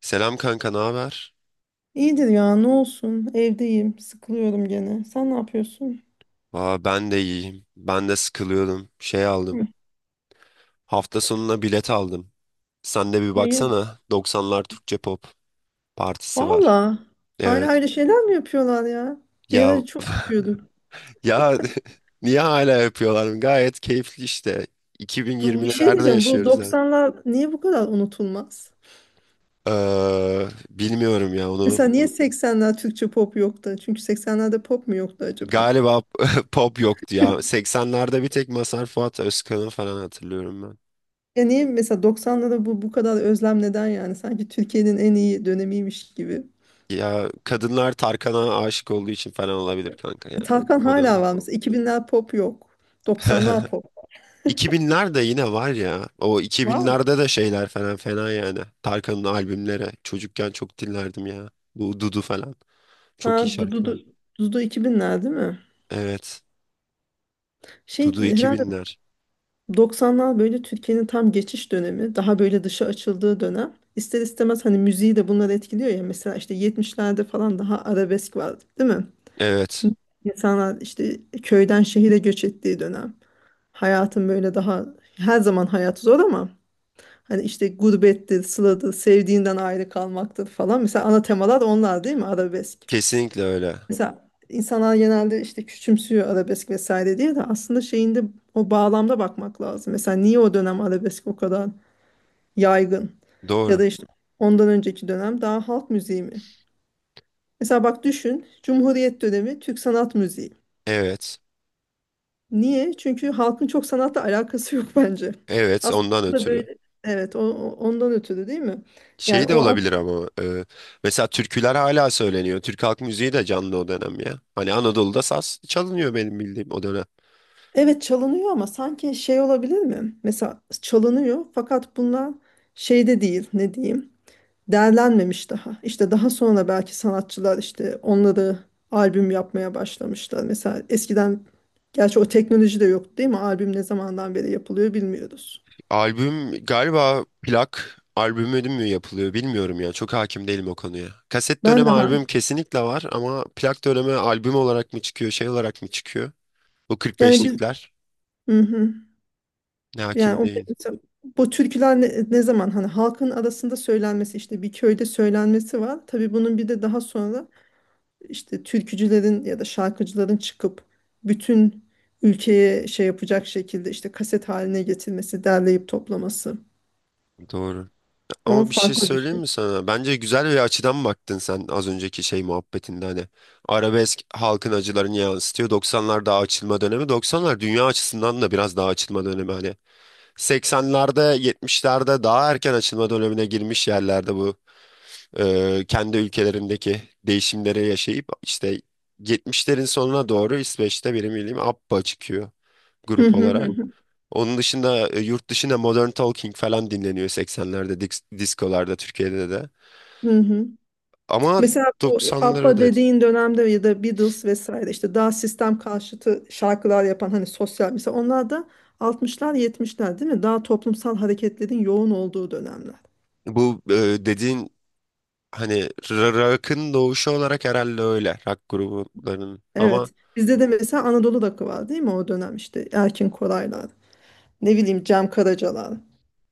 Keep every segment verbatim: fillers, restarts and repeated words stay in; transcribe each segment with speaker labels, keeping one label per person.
Speaker 1: Selam kanka, ne haber?
Speaker 2: İyidir ya, ne olsun, evdeyim sıkılıyorum gene. Sen ne yapıyorsun?
Speaker 1: Aa, ben de iyiyim. Ben de sıkılıyordum. Şey aldım.
Speaker 2: Hı.
Speaker 1: Hafta sonuna bilet aldım. Sen de bir
Speaker 2: Hayır.
Speaker 1: baksana. doksanlar Türkçe pop partisi var.
Speaker 2: Valla hala
Speaker 1: Evet.
Speaker 2: öyle şeyler mi yapıyorlar ya? Bir
Speaker 1: Ya
Speaker 2: ara çok yapıyorduk.
Speaker 1: ya niye hala yapıyorlar? Gayet keyifli işte.
Speaker 2: Bu bir şey
Speaker 1: iki bin yirmilerde
Speaker 2: diyeceğim, bu
Speaker 1: yaşıyoruz artık.
Speaker 2: doksanlar niye bu kadar unutulmaz?
Speaker 1: Ee, bilmiyorum ya onu.
Speaker 2: Mesela niye seksenler Türkçe pop yoktu? Çünkü seksenlerde pop mu yoktu acaba?
Speaker 1: Galiba pop yoktu ya. seksenlerde bir tek Mazhar Fuat Özkan'ı falan hatırlıyorum.
Speaker 2: Ya niye mesela doksanlarda bu bu kadar özlem, neden yani? Sanki Türkiye'nin en iyi dönemiymiş gibi.
Speaker 1: Ya kadınlar Tarkan'a aşık olduğu için falan olabilir kanka ya.
Speaker 2: E, Tarkan
Speaker 1: O
Speaker 2: hala
Speaker 1: dönem.
Speaker 2: var mesela, iki binler pop yok. doksanlar pop
Speaker 1: iki binler de yine var ya. O
Speaker 2: var mı?
Speaker 1: iki binlerde de şeyler falan fena yani. Tarkan'ın albümleri. Çocukken çok dinlerdim ya. Bu Dudu falan.
Speaker 2: Ha,
Speaker 1: Çok iyi
Speaker 2: Dudu, Dudu,
Speaker 1: şarkılar.
Speaker 2: Dudu iki binler değil mi?
Speaker 1: Evet.
Speaker 2: Şey
Speaker 1: Dudu
Speaker 2: herhalde.
Speaker 1: iki binler.
Speaker 2: doksanlar böyle Türkiye'nin tam geçiş dönemi, daha böyle dışa açıldığı dönem. İster istemez hani müziği de bunlar etkiliyor ya. Mesela işte yetmişlerde falan daha arabesk vardı, değil mi?
Speaker 1: Evet.
Speaker 2: İnsanlar işte köyden şehire göç ettiği dönem. Hayatın böyle daha, her zaman hayat zor ama hani işte gurbettir, sıladır, sevdiğinden ayrı kalmaktır falan. Mesela ana temalar onlar değil mi? Arabesk.
Speaker 1: Kesinlikle öyle.
Speaker 2: Mesela insanlar genelde işte küçümsüyor arabesk vesaire diye de aslında şeyinde, o bağlamda bakmak lazım. Mesela niye o dönem arabesk o kadar yaygın? Ya
Speaker 1: Doğru.
Speaker 2: da işte ondan önceki dönem daha halk müziği mi? Mesela bak, düşün, Cumhuriyet dönemi Türk sanat müziği.
Speaker 1: Evet.
Speaker 2: Niye? Çünkü halkın çok sanatla alakası yok bence.
Speaker 1: Evet,
Speaker 2: Aslında
Speaker 1: ondan
Speaker 2: orada
Speaker 1: ötürü.
Speaker 2: böyle, evet, o, o- ondan ötürü değil mi? Yani
Speaker 1: Şey de
Speaker 2: o
Speaker 1: olabilir
Speaker 2: at-,
Speaker 1: ama e, mesela türküler hala söyleniyor. Türk halk müziği de canlı o dönem ya. Hani Anadolu'da saz çalınıyor benim bildiğim o dönem.
Speaker 2: evet çalınıyor ama sanki şey olabilir mi? Mesela çalınıyor fakat bunlar şeyde değil, ne diyeyim? Değerlenmemiş daha. İşte daha sonra belki sanatçılar işte onları albüm yapmaya başlamışlar. Mesela eskiden, gerçi o teknoloji de yoktu değil mi? Albüm ne zamandan beri yapılıyor bilmiyoruz.
Speaker 1: Albüm galiba plak albümü mü yapılıyor bilmiyorum ya. Çok hakim değilim o konuya. Kaset
Speaker 2: Ben
Speaker 1: dönemi
Speaker 2: de hayır.
Speaker 1: albüm kesinlikle var ama plak dönemi albüm olarak mı çıkıyor, şey olarak mı çıkıyor? Bu kırk
Speaker 2: Yani biz
Speaker 1: beşlikler
Speaker 2: bugün, hı hı.
Speaker 1: ne,
Speaker 2: Yani
Speaker 1: hakim
Speaker 2: o
Speaker 1: değil.
Speaker 2: mesela bu türküler, ne, ne zaman hani halkın arasında söylenmesi, işte bir köyde söylenmesi var. Tabii bunun bir de daha sonra işte türkücülerin ya da şarkıcıların çıkıp bütün ülkeye şey yapacak şekilde işte kaset haline getirmesi, derleyip toplaması.
Speaker 1: Doğru.
Speaker 2: O
Speaker 1: Ama bir şey
Speaker 2: farklı bir
Speaker 1: söyleyeyim
Speaker 2: şey.
Speaker 1: mi sana? Bence güzel bir açıdan baktın sen az önceki şey muhabbetinde hani. Arabesk halkın acılarını yansıtıyor. doksanlar daha açılma dönemi. doksanlar dünya açısından da biraz daha açılma dönemi hani. seksenlerde, yetmişlerde daha erken açılma dönemine girmiş yerlerde bu. Ee, kendi ülkelerindeki değişimleri yaşayıp işte yetmişlerin sonuna doğru İsveç'te benim bildiğim ABBA çıkıyor
Speaker 2: Hı
Speaker 1: grup
Speaker 2: hı, hı
Speaker 1: olarak.
Speaker 2: hı.
Speaker 1: Onun dışında e, yurt dışında Modern Talking falan dinleniyor seksenlerde disk diskolarda Türkiye'de de.
Speaker 2: Hı hı.
Speaker 1: Ama
Speaker 2: Mesela bu
Speaker 1: doksanlara
Speaker 2: ABBA
Speaker 1: da
Speaker 2: dediğin dönemde ya da Beatles vesaire işte daha sistem karşıtı şarkılar yapan hani sosyal, mesela onlar da altmışlar yetmişler değil mi? Daha toplumsal hareketlerin yoğun olduğu dönemler.
Speaker 1: bu e, dediğin hani r- rock'ın doğuşu olarak herhalde öyle rock gruplarının ama
Speaker 2: Evet. Bizde de mesela Anadolu Rock'ı var değil mi, o dönem işte Erkin Koraylar, ne bileyim, Cem Karacalar.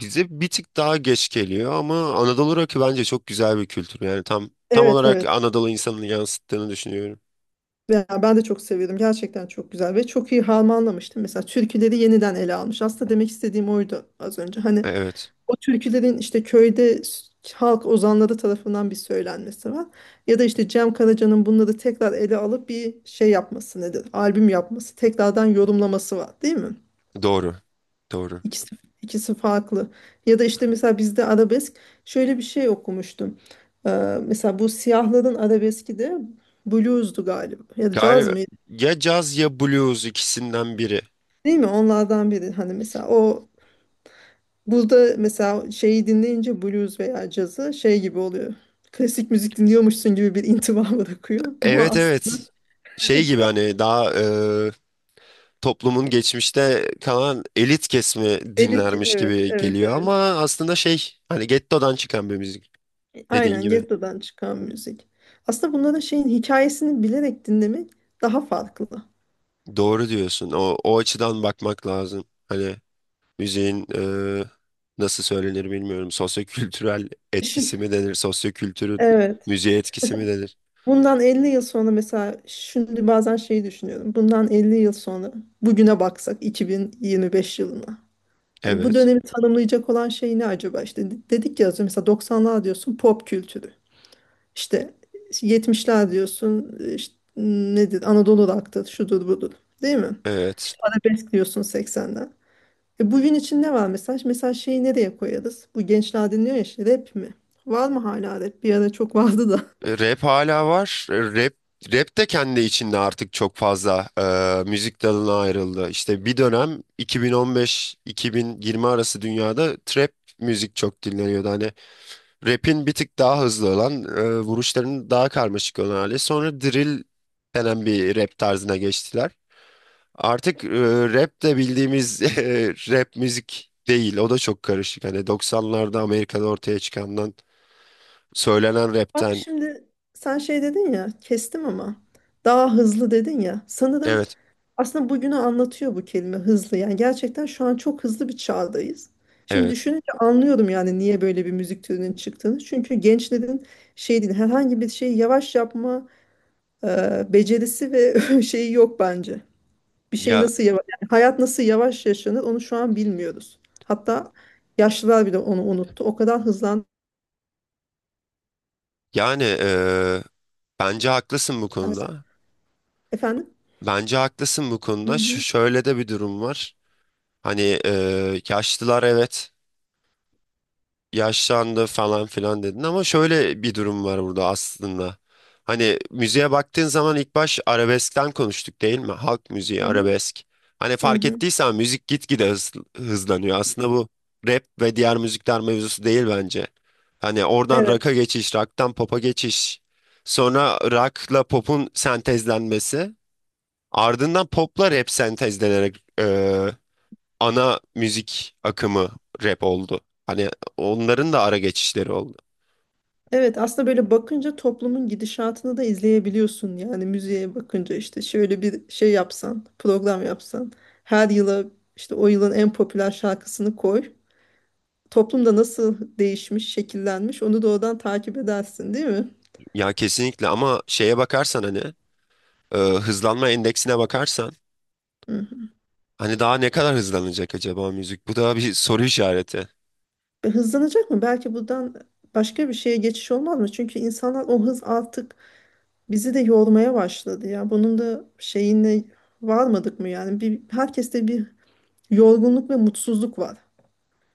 Speaker 1: bize bir tık daha geç geliyor ama Anadolu rock'ı bence çok güzel bir kültür. Yani tam tam
Speaker 2: Evet,
Speaker 1: olarak
Speaker 2: evet.
Speaker 1: Anadolu insanını yansıttığını düşünüyorum.
Speaker 2: Ya ben de çok seviyordum. Gerçekten çok güzel ve çok iyi harmanlamıştım. Mesela türküleri yeniden ele almış. Aslında demek istediğim oydu az önce. Hani,
Speaker 1: Evet.
Speaker 2: o türkülerin işte köyde halk ozanları tarafından bir söylenmesi var. Ya da işte Cem Karaca'nın bunları tekrar ele alıp bir şey yapması nedir? Albüm yapması, tekrardan yorumlaması var, değil mi?
Speaker 1: Doğru. Doğru.
Speaker 2: İkisi, ikisi farklı. Ya da işte mesela bizde arabesk, şöyle bir şey okumuştum. Ee, mesela bu siyahların arabeski de blues'du galiba. Ya da caz
Speaker 1: Galiba
Speaker 2: mıydı?
Speaker 1: ya caz ya blues ikisinden biri.
Speaker 2: Değil mi? Onlardan biri. Hani mesela o, burada mesela şeyi dinleyince blues veya cazı şey gibi oluyor. Klasik müzik dinliyormuşsun gibi bir intiba bırakıyor. Ama
Speaker 1: Evet,
Speaker 2: aslında
Speaker 1: evet. Şey gibi hani daha e, toplumun geçmişte kalan elit kesimi
Speaker 2: elit ki,
Speaker 1: dinlermiş
Speaker 2: evet,
Speaker 1: gibi
Speaker 2: evet,
Speaker 1: geliyor ama
Speaker 2: evet.
Speaker 1: aslında şey hani gettodan çıkan bir müzik dediğin
Speaker 2: Aynen,
Speaker 1: gibi.
Speaker 2: ghetto'dan çıkan müzik. Aslında bunların şeyin hikayesini bilerek dinlemek daha farklı.
Speaker 1: Doğru diyorsun. O, o açıdan bakmak lazım. Hani müziğin e, nasıl söylenir bilmiyorum. Sosyokültürel
Speaker 2: Düşün,
Speaker 1: etkisi mi denir? Sosyokültürün
Speaker 2: evet.
Speaker 1: müziğe etkisi mi denir?
Speaker 2: Bundan elli yıl sonra, mesela şimdi bazen şeyi düşünüyorum. Bundan elli yıl sonra bugüne baksak, iki bin yirmi beş yılına. Yani bu
Speaker 1: Evet.
Speaker 2: dönemi tanımlayacak olan şey ne acaba? İşte dedik ya az önce, mesela doksanlar diyorsun pop kültürü. İşte, işte yetmişler diyorsun, işte nedir, Anadolu rock'tır, şudur budur, değil mi?
Speaker 1: Evet.
Speaker 2: İşte arabesk diyorsun seksenden. E, bugün için ne var mesaj? Mesela şeyi nereye koyarız? Bu gençler dinliyor ya işte, rap mi? Var mı hala rap? Bir ara çok vardı da.
Speaker 1: E, Rap hala var. E, Rap Rap de kendi içinde artık çok fazla e, müzik dalına ayrıldı. İşte bir dönem iki iki bin on beş bin yirmi arası dünyada trap müzik çok dinleniyordu. Hani rap'in bir tık daha hızlı olan, e, vuruşlarının daha karmaşık olan hali. Sonra drill denen bir rap tarzına geçtiler. Artık e, rap de bildiğimiz e, rap müzik değil. O da çok karışık. Hani doksanlarda Amerika'da ortaya çıkandan, söylenen
Speaker 2: Bak
Speaker 1: rapten.
Speaker 2: şimdi, sen şey dedin ya, kestim ama daha hızlı dedin ya. Sanırım,
Speaker 1: Evet,
Speaker 2: aslında bugünü anlatıyor bu kelime, hızlı. Yani gerçekten şu an çok hızlı bir çağdayız. Şimdi
Speaker 1: evet.
Speaker 2: düşününce anlıyorum yani niye böyle bir müzik türünün çıktığını. Çünkü gençlerin şey değil, herhangi bir şeyi yavaş yapma e, becerisi ve şeyi yok bence. Bir şey
Speaker 1: Ya
Speaker 2: nasıl yavaş, yani hayat nasıl yavaş yaşanır onu şu an bilmiyoruz. Hatta yaşlılar bile onu unuttu. O kadar hızlandı.
Speaker 1: Yani eee, bence haklısın bu konuda.
Speaker 2: Efendim?
Speaker 1: Bence haklısın bu
Speaker 2: Hı
Speaker 1: konuda. Ş-
Speaker 2: hı.
Speaker 1: şöyle de bir durum var. Hani eee yaşlılar, evet. Yaşlandı falan filan dedin ama şöyle bir durum var burada aslında. Hani müziğe baktığın zaman ilk baş arabeskten konuştuk değil mi? Halk müziği,
Speaker 2: Hı hı.
Speaker 1: arabesk. Hani
Speaker 2: Hı
Speaker 1: fark
Speaker 2: hı.
Speaker 1: ettiysen müzik gitgide hız, hızlanıyor. Aslında bu rap ve diğer müzikler mevzusu değil bence. Hani oradan rock'a
Speaker 2: Evet.
Speaker 1: geçiş, rock'tan pop'a geçiş. Sonra rock'la pop'un sentezlenmesi. Ardından pop'la rap sentezlenerek ana müzik akımı rap oldu. Hani onların da ara geçişleri oldu.
Speaker 2: Evet aslında böyle bakınca toplumun gidişatını da izleyebiliyorsun. Yani müziğe bakınca işte şöyle bir şey yapsan, program yapsan, her yıla işte o yılın en popüler şarkısını koy. Toplumda nasıl değişmiş, şekillenmiş onu da oradan takip edersin değil mi?
Speaker 1: Ya kesinlikle ama şeye bakarsan hani e, hızlanma endeksine bakarsan
Speaker 2: Hı.
Speaker 1: hani daha ne kadar hızlanacak acaba müzik? Bu da bir soru işareti.
Speaker 2: E, hızlanacak mı? Belki buradan başka bir şeye geçiş olmaz mı? Çünkü insanlar o hız artık bizi de yormaya başladı ya. Bunun da şeyine varmadık mı yani? Bir, herkeste bir yorgunluk ve mutsuzluk var.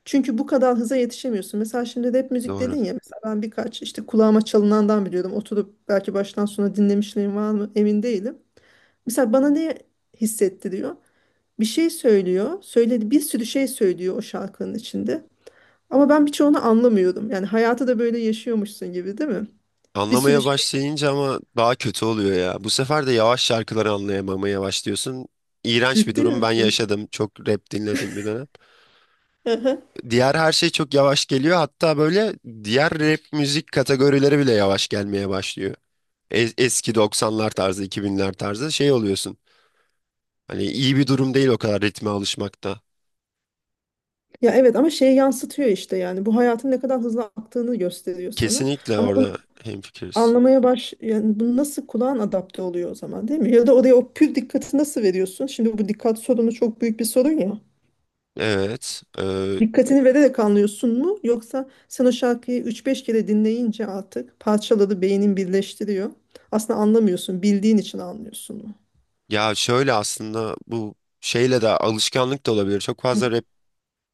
Speaker 2: Çünkü bu kadar hıza yetişemiyorsun. Mesela şimdi rap müzik
Speaker 1: Doğru.
Speaker 2: dedin ya. Mesela ben birkaç işte kulağıma çalınandan biliyordum. Oturup belki baştan sona dinlemişliğim var mı, emin değilim. Mesela bana ne hissettiriyor? Bir şey söylüyor. Söyledi, bir sürü şey söylüyor o şarkının içinde. Ama ben birçoğunu anlamıyorum. Yani hayatı da böyle yaşıyormuşsun gibi, değil mi? Bir sürü
Speaker 1: Anlamaya
Speaker 2: şey.
Speaker 1: başlayınca ama daha kötü oluyor ya. Bu sefer de yavaş şarkıları anlayamamaya başlıyorsun. İğrenç bir
Speaker 2: Ciddi
Speaker 1: durum ben
Speaker 2: misin?
Speaker 1: yaşadım. Çok rap dinlediğim bir dönem.
Speaker 2: Aha.
Speaker 1: Diğer her şey çok yavaş geliyor. Hatta böyle diğer rap müzik kategorileri bile yavaş gelmeye başlıyor. E- eski doksanlar tarzı, iki binler tarzı şey oluyorsun. Hani iyi bir durum değil o kadar ritme alışmakta.
Speaker 2: Ya evet ama şey yansıtıyor işte, yani bu hayatın ne kadar hızlı aktığını gösteriyor sana.
Speaker 1: Kesinlikle
Speaker 2: Ama
Speaker 1: orada hemfikiriz.
Speaker 2: anlamaya baş, yani bu nasıl kulağın adapte oluyor o zaman değil mi? Ya da oraya o pür dikkati nasıl veriyorsun? Şimdi bu dikkat sorunu çok büyük bir sorun ya.
Speaker 1: Evet. E,
Speaker 2: Dikkatini vererek anlıyorsun mu? Yoksa sen o şarkıyı üç beş kere dinleyince artık parçaları beynin birleştiriyor. Aslında anlamıyorsun. Bildiğin için anlıyorsun mu?
Speaker 1: ya şöyle aslında bu şeyle de alışkanlık da olabilir. Çok
Speaker 2: Hı.
Speaker 1: fazla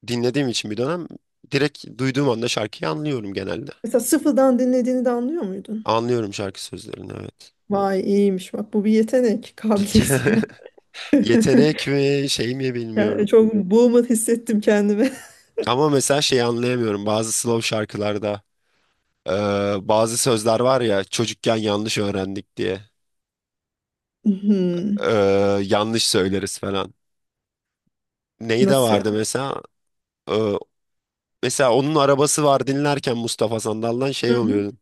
Speaker 1: dinlediğim için bir dönem direkt duyduğum anda şarkıyı anlıyorum genelde.
Speaker 2: Mesela sıfırdan dinlediğini de anlıyor muydun?
Speaker 1: Anlıyorum şarkı sözlerini, evet.
Speaker 2: Vay, iyiymiş bak, bu bir yetenek, kabiliyet. Yani
Speaker 1: Yetenek mi şey mi bilmiyorum.
Speaker 2: yani çok boomer hissettim kendimi.
Speaker 1: Ama mesela şeyi anlayamıyorum bazı slow şarkılarda, eee, bazı sözler var ya çocukken yanlış öğrendik diye
Speaker 2: Hmm.
Speaker 1: eee, yanlış söyleriz falan. Neyi de
Speaker 2: Nasıl ya?
Speaker 1: vardı mesela. Eee, Mesela onun arabası var dinlerken Mustafa Sandal'dan şey
Speaker 2: Hı hı.
Speaker 1: oluyor.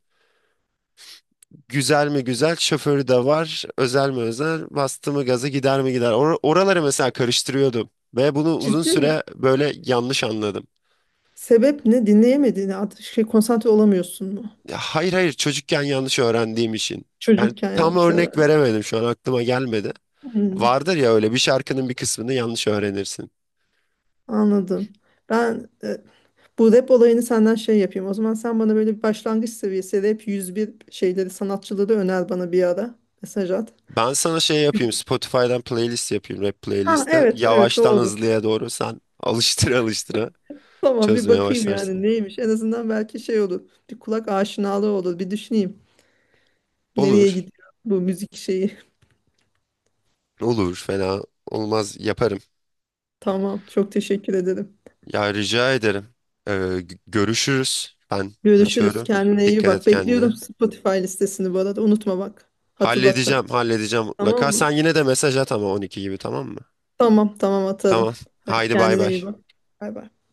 Speaker 1: Güzel mi güzel, şoförü de var. Özel mi özel, bastı mı gaza gider mi gider. Or- oraları mesela karıştırıyordum. Ve bunu uzun
Speaker 2: Ciddi misin?
Speaker 1: süre böyle yanlış anladım.
Speaker 2: Sebep ne? Dinleyemediğini artık, şey, konsantre olamıyorsun mu?
Speaker 1: Ya hayır, hayır, çocukken yanlış öğrendiğim için. Yani
Speaker 2: Çocukken
Speaker 1: tam
Speaker 2: yanlış
Speaker 1: örnek
Speaker 2: öğrendim.
Speaker 1: veremedim, şu an aklıma gelmedi.
Speaker 2: Hmm,
Speaker 1: Vardır ya öyle, bir şarkının bir kısmını yanlış öğrenirsin.
Speaker 2: anladım. Ben e, bu rap olayını senden şey yapayım. O zaman sen bana böyle bir başlangıç seviyesi rap yüz bir şeyleri, sanatçıları öner bana bir ara. Mesaj at.
Speaker 1: Ben sana şey yapayım, Spotify'dan playlist yapayım, rap
Speaker 2: Ha,
Speaker 1: playlisti.
Speaker 2: evet, evet,
Speaker 1: Yavaştan
Speaker 2: doğru.
Speaker 1: hızlıya doğru sen alıştıra alıştıra
Speaker 2: Tamam, bir
Speaker 1: çözmeye
Speaker 2: bakayım yani
Speaker 1: başlarsın.
Speaker 2: neymiş. En azından belki şey olur. Bir kulak aşinalığı olur. Bir düşüneyim. Nereye
Speaker 1: Olur,
Speaker 2: gidiyor bu müzik şeyi?
Speaker 1: olur, fena olmaz, yaparım.
Speaker 2: Tamam, çok teşekkür ederim.
Speaker 1: Ya rica ederim. Ee, gö- görüşürüz. Ben
Speaker 2: Görüşürüz.
Speaker 1: kaçıyorum.
Speaker 2: Kendine iyi
Speaker 1: Dikkat
Speaker 2: bak.
Speaker 1: et kendine.
Speaker 2: Bekliyorum Spotify listesini bu arada. Unutma bak. Hatırlatacağım.
Speaker 1: Halledeceğim, halledeceğim mutlaka.
Speaker 2: Tamam mı?
Speaker 1: Sen yine de mesaj at ama on iki gibi, tamam mı?
Speaker 2: Tamam tamam
Speaker 1: Tamam.
Speaker 2: atarım. Hadi
Speaker 1: Haydi bay
Speaker 2: kendine iyi
Speaker 1: bay.
Speaker 2: bak. Bay bay.